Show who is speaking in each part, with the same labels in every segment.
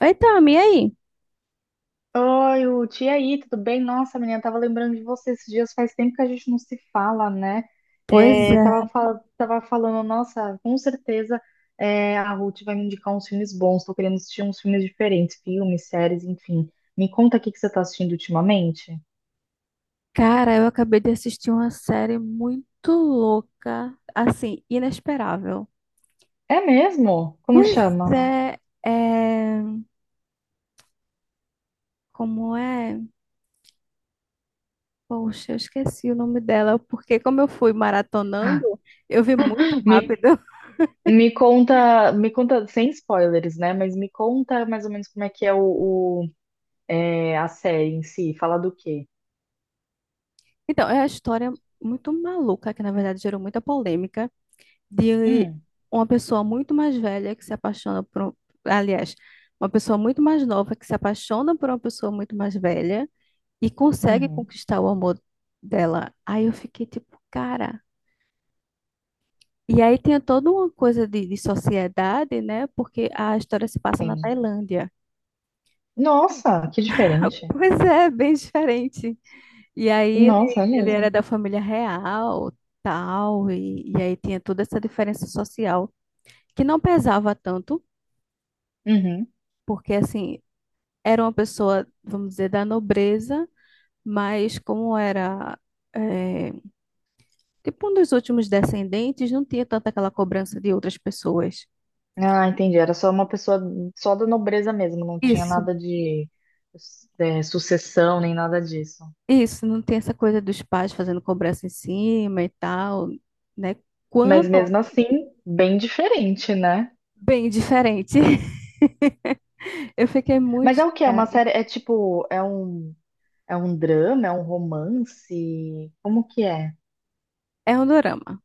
Speaker 1: Então, e aí?
Speaker 2: Oi, Ruth, e aí, tudo bem? Nossa, menina, tava lembrando de você esses dias, faz tempo que a gente não se fala, né?
Speaker 1: Pois
Speaker 2: É, tava,
Speaker 1: é.
Speaker 2: fal- tava falando, nossa, com certeza é, a Ruth vai me indicar uns filmes bons, tô querendo assistir uns filmes diferentes, filmes, séries, enfim. Me conta o que que você tá assistindo ultimamente.
Speaker 1: Cara, eu acabei de assistir uma série muito louca, assim, inesperável.
Speaker 2: É mesmo? Como
Speaker 1: Pois
Speaker 2: chama?
Speaker 1: é, é... Como é? Poxa, eu esqueci o nome dela, porque como eu fui maratonando, eu vi muito
Speaker 2: Me,
Speaker 1: rápido.
Speaker 2: me conta, sem spoilers, né? Mas me conta mais ou menos como é que é o é, a série em si, fala do quê?
Speaker 1: Então, é a história muito maluca, que na verdade gerou muita polêmica, de
Speaker 2: Hum,
Speaker 1: uma pessoa muito mais velha que se apaixona por... Aliás, uma pessoa muito mais nova que se apaixona por uma pessoa muito mais velha e consegue
Speaker 2: uhum,
Speaker 1: conquistar o amor dela. Aí eu fiquei tipo, cara. E aí tem toda uma coisa de sociedade, né? Porque a história se passa na
Speaker 2: sim.
Speaker 1: Tailândia.
Speaker 2: Nossa, que diferente.
Speaker 1: Pois é, bem diferente. E aí
Speaker 2: Nossa, é
Speaker 1: ele era
Speaker 2: mesmo.
Speaker 1: da família real, tal, e aí tinha toda essa diferença social que não pesava tanto,
Speaker 2: Uhum.
Speaker 1: porque assim, era uma pessoa, vamos dizer, da nobreza, mas como era, eh, tipo, um dos últimos descendentes, não tinha tanta aquela cobrança de outras pessoas.
Speaker 2: Ah, entendi. Era só uma pessoa só da nobreza mesmo, não tinha
Speaker 1: Isso,
Speaker 2: nada de é, sucessão nem nada disso.
Speaker 1: isso, não tem essa coisa dos pais fazendo cobrança em cima e tal, né?
Speaker 2: Mas
Speaker 1: Quando,
Speaker 2: mesmo assim, bem diferente, né?
Speaker 1: bem diferente. Eu fiquei muito
Speaker 2: Mas é o que É uma
Speaker 1: chocada.
Speaker 2: série? É um drama, é um romance? Como que é?
Speaker 1: É um dorama.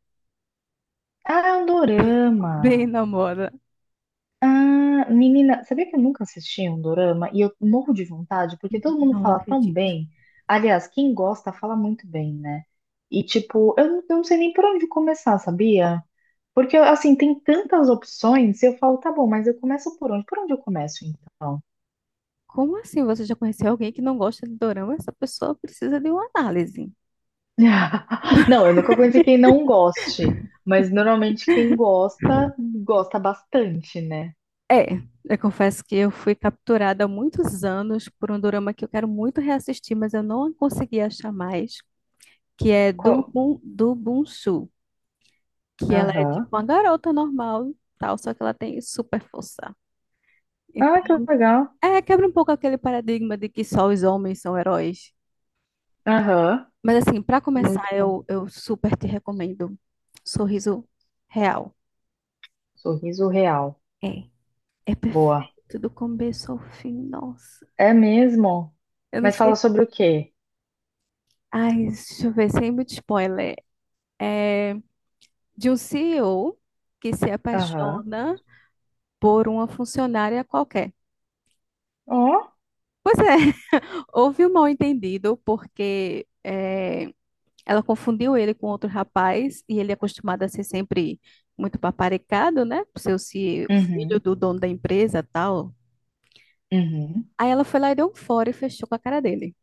Speaker 2: Ah, é um dorama.
Speaker 1: Bem na moda.
Speaker 2: Ah, menina, sabia que eu nunca assisti um dorama e eu morro de vontade porque todo mundo
Speaker 1: Não
Speaker 2: fala tão
Speaker 1: acredito.
Speaker 2: bem. Aliás, quem gosta fala muito bem, né? E tipo, não eu não sei nem por onde começar, sabia? Porque assim, tem tantas opções, eu falo, tá bom, mas eu começo por onde? Por onde eu começo então?
Speaker 1: Como assim você já conheceu alguém que não gosta de dorama? Essa pessoa precisa de uma análise.
Speaker 2: Não, eu nunca conheci quem não goste, mas normalmente quem gosta, gosta bastante, né?
Speaker 1: É, eu confesso que eu fui capturada há muitos anos por um dorama que eu quero muito reassistir, mas eu não consegui achar mais. Que é do,
Speaker 2: Qual-
Speaker 1: Bun- do Bunsu, que ela é tipo
Speaker 2: aham.
Speaker 1: uma garota normal, e tal, só que ela tem super força.
Speaker 2: Ah,
Speaker 1: Então,
Speaker 2: que legal.
Speaker 1: é, quebra um pouco aquele paradigma de que só os homens são heróis.
Speaker 2: Aham.
Speaker 1: Mas assim, pra começar,
Speaker 2: Muito bom.
Speaker 1: eu super te recomendo Sorriso Real.
Speaker 2: Sorriso real.
Speaker 1: É, é
Speaker 2: Boa.
Speaker 1: perfeito do começo ao fim, nossa.
Speaker 2: É mesmo?
Speaker 1: Eu não
Speaker 2: Mas
Speaker 1: sei.
Speaker 2: fala sobre o quê?
Speaker 1: Ai, deixa eu ver, sem muito spoiler. É de um CEO que se
Speaker 2: Aham.
Speaker 1: apaixona por uma funcionária qualquer.
Speaker 2: Ó.
Speaker 1: Pois é, houve um mal-entendido porque ela confundiu ele com outro rapaz e ele é acostumado a ser sempre muito paparicado, né? Por ser o filho
Speaker 2: Uhum.
Speaker 1: do dono da empresa tal.
Speaker 2: Uhum.
Speaker 1: Aí ela foi lá e deu um fora e fechou com a cara dele.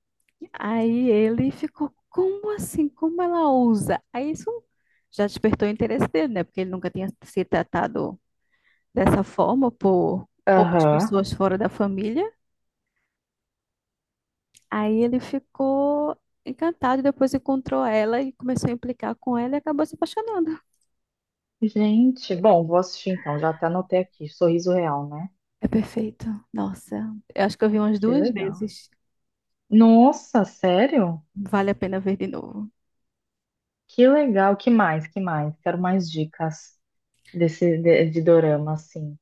Speaker 1: Aí ele ficou, como assim? Como ela ousa? Aí isso já despertou o interesse dele, né? Porque ele nunca tinha se tratado dessa forma por outras
Speaker 2: Aham.
Speaker 1: pessoas fora da família. Aí ele ficou encantado e depois encontrou ela e começou a implicar com ela e acabou se apaixonando.
Speaker 2: Gente, bom, vou assistir então. Já até anotei aqui. Sorriso Real, né?
Speaker 1: É perfeito. Nossa, eu acho que eu vi umas
Speaker 2: Que
Speaker 1: duas
Speaker 2: legal.
Speaker 1: vezes.
Speaker 2: Nossa, sério?
Speaker 1: Vale a pena ver de novo.
Speaker 2: Que legal. Que mais? Que mais? Quero mais dicas desse de dorama, assim.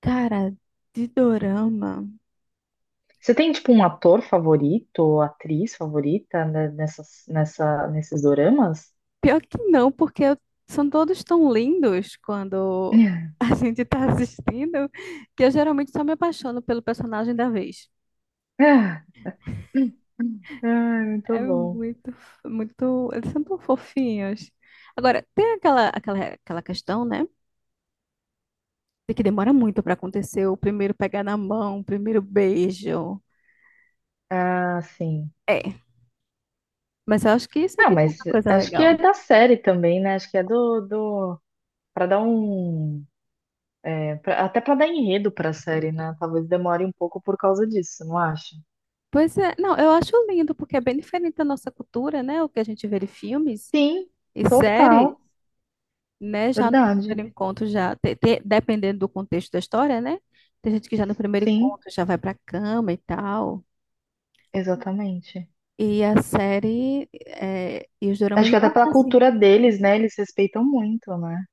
Speaker 1: Cara, de dorama.
Speaker 2: Você tem tipo um ator favorito ou atriz favorita né, nesses doramas?
Speaker 1: Pior que não, porque são todos tão lindos quando a gente tá assistindo que eu geralmente só me apaixono pelo personagem da vez.
Speaker 2: Ah, muito
Speaker 1: É
Speaker 2: bom.
Speaker 1: muito, muito. Eles são tão fofinhos. Agora, tem aquela questão, né? Que demora muito pra acontecer o primeiro pegar na mão, o primeiro beijo.
Speaker 2: Ah, sim.
Speaker 1: É, mas eu acho que isso
Speaker 2: Ah,
Speaker 1: aqui tem
Speaker 2: mas
Speaker 1: uma coisa
Speaker 2: acho que é
Speaker 1: legal.
Speaker 2: da série também, né? Acho que é do para dar um é, até para dar enredo para a série, né? Talvez demore um pouco por causa disso, não acha?
Speaker 1: Pois é, não, eu acho lindo, porque é bem diferente da nossa cultura, né? O que a gente vê de filmes
Speaker 2: Sim,
Speaker 1: e séries,
Speaker 2: total,
Speaker 1: né? Já no
Speaker 2: verdade.
Speaker 1: primeiro encontro, já, dependendo do contexto da história, né? Tem gente que já no primeiro
Speaker 2: Sim,
Speaker 1: encontro já vai pra cama e tal.
Speaker 2: exatamente.
Speaker 1: E a série, é, e os
Speaker 2: Acho
Speaker 1: doramas
Speaker 2: que até
Speaker 1: não
Speaker 2: pela
Speaker 1: é assim.
Speaker 2: cultura deles, né? Eles respeitam muito, né?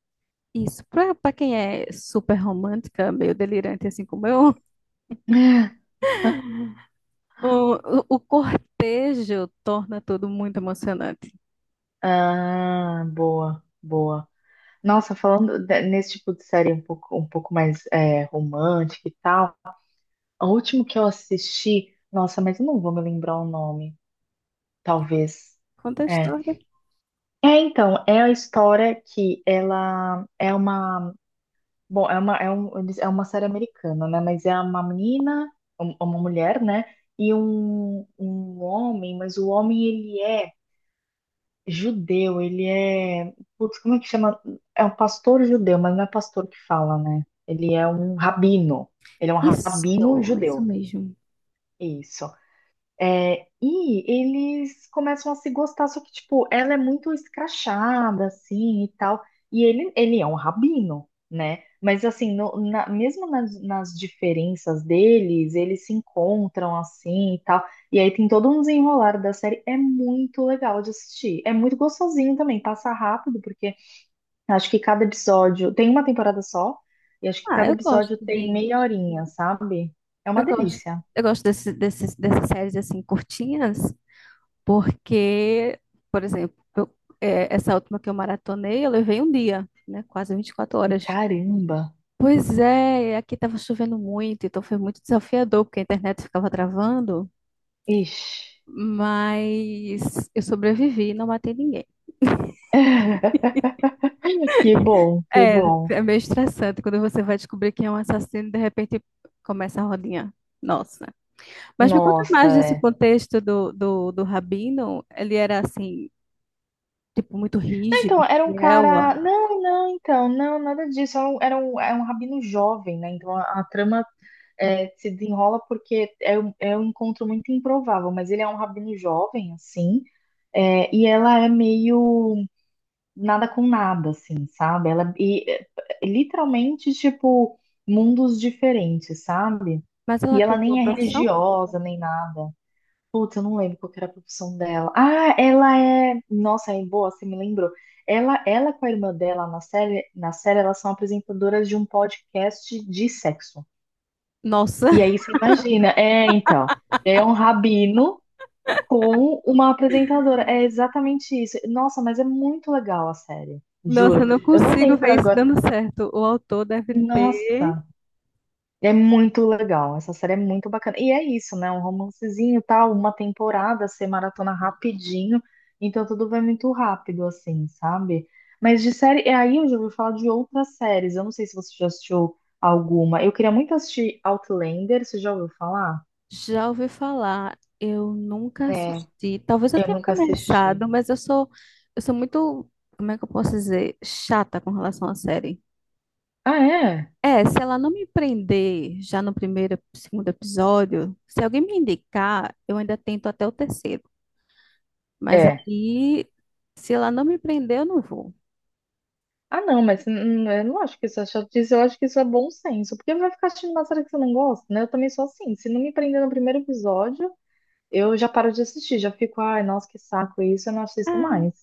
Speaker 1: Isso, pra, pra quem é super romântica, meio delirante assim como eu, o cortejo torna tudo muito emocionante.
Speaker 2: Ah, boa, boa. Nossa, nesse tipo de série um pouco mais é, romântica e tal, o último que eu assisti, nossa, mas eu não vou me lembrar o nome. Talvez.
Speaker 1: Conta a
Speaker 2: É.
Speaker 1: história.
Speaker 2: É, então, é a história que ela é uma, bom, é uma, é um, eles- É uma série americana, né? Mas é uma menina, uma mulher, né? E um homem, mas o homem ele é judeu, ele é, putz, como é que chama? É um pastor judeu, mas não é pastor que fala, né? Ele é um rabino. Ele é um rabino
Speaker 1: Isso
Speaker 2: judeu.
Speaker 1: mesmo.
Speaker 2: Isso. É, e eles começam a se gostar, só que, tipo, ela é muito escrachada, assim, e tal. E ele é um rabino, né? Mas, assim, mesmo nas diferenças deles, eles se encontram, assim, e tal. E aí tem todo um desenrolar da série. É muito legal de assistir. É muito gostosinho também, passa rápido, porque acho que cada episódio... Tem uma temporada só, e acho que
Speaker 1: Ah,
Speaker 2: cada
Speaker 1: eu gosto
Speaker 2: episódio tem
Speaker 1: de.
Speaker 2: meia horinha, sabe? É uma
Speaker 1: Eu gosto,
Speaker 2: delícia.
Speaker 1: eu gosto desse, desses dessas séries assim curtinhas, porque, por exemplo, essa última que eu maratonei, eu levei um dia, né? Quase 24 horas.
Speaker 2: Caramba!
Speaker 1: Pois é, aqui estava chovendo muito, então foi muito desafiador, porque a internet ficava travando,
Speaker 2: Ixi.
Speaker 1: mas eu sobrevivi, e não matei ninguém.
Speaker 2: Que bom, que
Speaker 1: É,
Speaker 2: bom.
Speaker 1: é meio estressante quando você vai descobrir quem é um assassino e de repente começa a rodinha. Nossa. Mas me conta
Speaker 2: Nossa,
Speaker 1: mais desse
Speaker 2: é.
Speaker 1: contexto do Rabino. Ele era assim, tipo, muito
Speaker 2: Não,
Speaker 1: rígido,
Speaker 2: então, era um
Speaker 1: fiel.
Speaker 2: cara. Não, não, então, não, nada disso. É um rabino jovem, né? Então a trama é, se desenrola porque é é um encontro muito improvável, mas ele é um rabino jovem, assim. É, e ela é meio nada com nada, assim, sabe? Literalmente, tipo, mundos diferentes, sabe?
Speaker 1: Mas
Speaker 2: E
Speaker 1: ela
Speaker 2: ela
Speaker 1: tinha uma
Speaker 2: nem é
Speaker 1: profissão?
Speaker 2: religiosa, nem nada. Putz, eu não lembro qual que era a profissão dela. Ah, ela é. Nossa, é boa, você me lembrou. Ela com a irmã dela na série, elas são apresentadoras de um podcast de sexo.
Speaker 1: Nossa,
Speaker 2: E aí você imagina, é, então, é um rabino com uma apresentadora. É exatamente isso. Nossa, mas é muito legal a série,
Speaker 1: nossa, eu
Speaker 2: juro.
Speaker 1: não
Speaker 2: Eu não
Speaker 1: consigo
Speaker 2: lembro
Speaker 1: ver isso
Speaker 2: agora.
Speaker 1: dando certo. O autor deve ter.
Speaker 2: Nossa. É muito legal, essa série é muito bacana. E é isso, né? Um romancezinho, tal, uma temporada, ser maratona rapidinho, então tudo vai muito rápido, assim, sabe? Mas de série, é aí eu já ouvi falar de outras séries. Eu não sei se você já assistiu alguma. Eu queria muito assistir Outlander, você já ouviu falar?
Speaker 1: Já ouvi falar. Eu nunca
Speaker 2: É.
Speaker 1: assisti. Talvez eu
Speaker 2: Eu
Speaker 1: tenha
Speaker 2: nunca assisti.
Speaker 1: começado, mas eu sou muito, como é que eu posso dizer? Chata com relação à série.
Speaker 2: Ah, é?
Speaker 1: É, se ela não me prender já no primeiro, segundo episódio, se alguém me indicar, eu ainda tento até o terceiro. Mas
Speaker 2: É.
Speaker 1: aí, se ela não me prender, eu não vou.
Speaker 2: Ah, não, mas eu não acho que isso é chatice, eu acho que isso é bom senso, porque vai ficar assistindo uma série que você não gosta, né? Eu também sou assim, se não me prender no primeiro episódio. Eu já paro de assistir, já fico, ai, nossa, que saco isso, eu não assisto
Speaker 1: Ah,
Speaker 2: mais.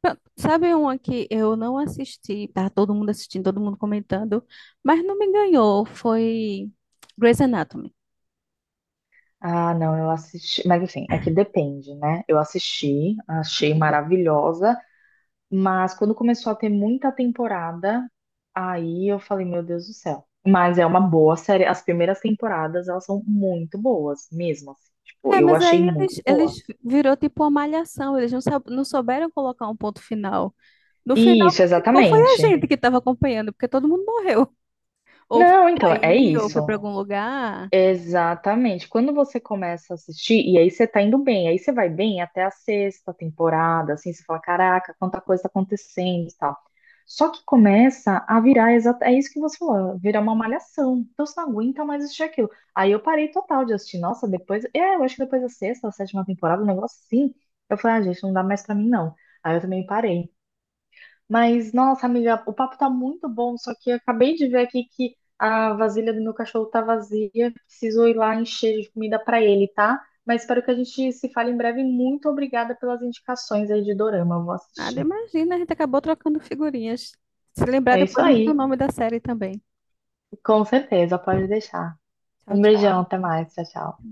Speaker 1: pronto. Sabe uma que eu não assisti, tá todo mundo assistindo, todo mundo comentando, mas não me ganhou, foi Grey's Anatomy.
Speaker 2: Ah, não, eu assisti. Mas enfim, é que depende, né? Eu assisti, achei maravilhosa, mas quando começou a ter muita temporada, aí eu falei, meu Deus do céu. Mas é uma boa série. As primeiras temporadas, elas são muito boas, mesmo assim. Tipo,
Speaker 1: É,
Speaker 2: eu
Speaker 1: mas
Speaker 2: achei
Speaker 1: aí
Speaker 2: muito
Speaker 1: eles,
Speaker 2: boa.
Speaker 1: eles virou tipo uma malhação, eles não, não souberam colocar um ponto final. No final,
Speaker 2: Isso,
Speaker 1: quem ficou foi a
Speaker 2: exatamente.
Speaker 1: gente que estava acompanhando, porque todo mundo morreu. Ou
Speaker 2: Não, então, é
Speaker 1: saiu, ou foi para
Speaker 2: isso.
Speaker 1: algum lugar.
Speaker 2: Exatamente. Quando você começa a assistir, e aí você tá indo bem, aí você vai bem até a sexta temporada, assim, você fala, caraca, quanta coisa tá acontecendo e tal. Só que começa a virar, é isso que você falou, virar uma malhação. Então você não aguenta mais assistir aquilo. Aí eu parei total de assistir. Nossa, depois, é, eu acho que depois da sexta, a sétima temporada, um negócio assim, eu falei, ah, gente, não dá mais pra mim, não. Aí eu também parei. Mas, nossa, amiga, o papo tá muito bom, só que eu acabei de ver aqui que a vasilha do meu cachorro tá vazia, preciso ir lá encher de comida pra ele, tá? Mas espero que a gente se fale em breve. Muito obrigada pelas indicações aí de Dorama, eu vou
Speaker 1: Nada,
Speaker 2: assistir.
Speaker 1: imagina, a gente acabou trocando figurinhas. Se lembrar,
Speaker 2: É isso
Speaker 1: depois manda o
Speaker 2: aí,
Speaker 1: nome da série também.
Speaker 2: com certeza, pode deixar.
Speaker 1: Tchau,
Speaker 2: Um beijão,
Speaker 1: tchau.
Speaker 2: até mais, tchau, tchau.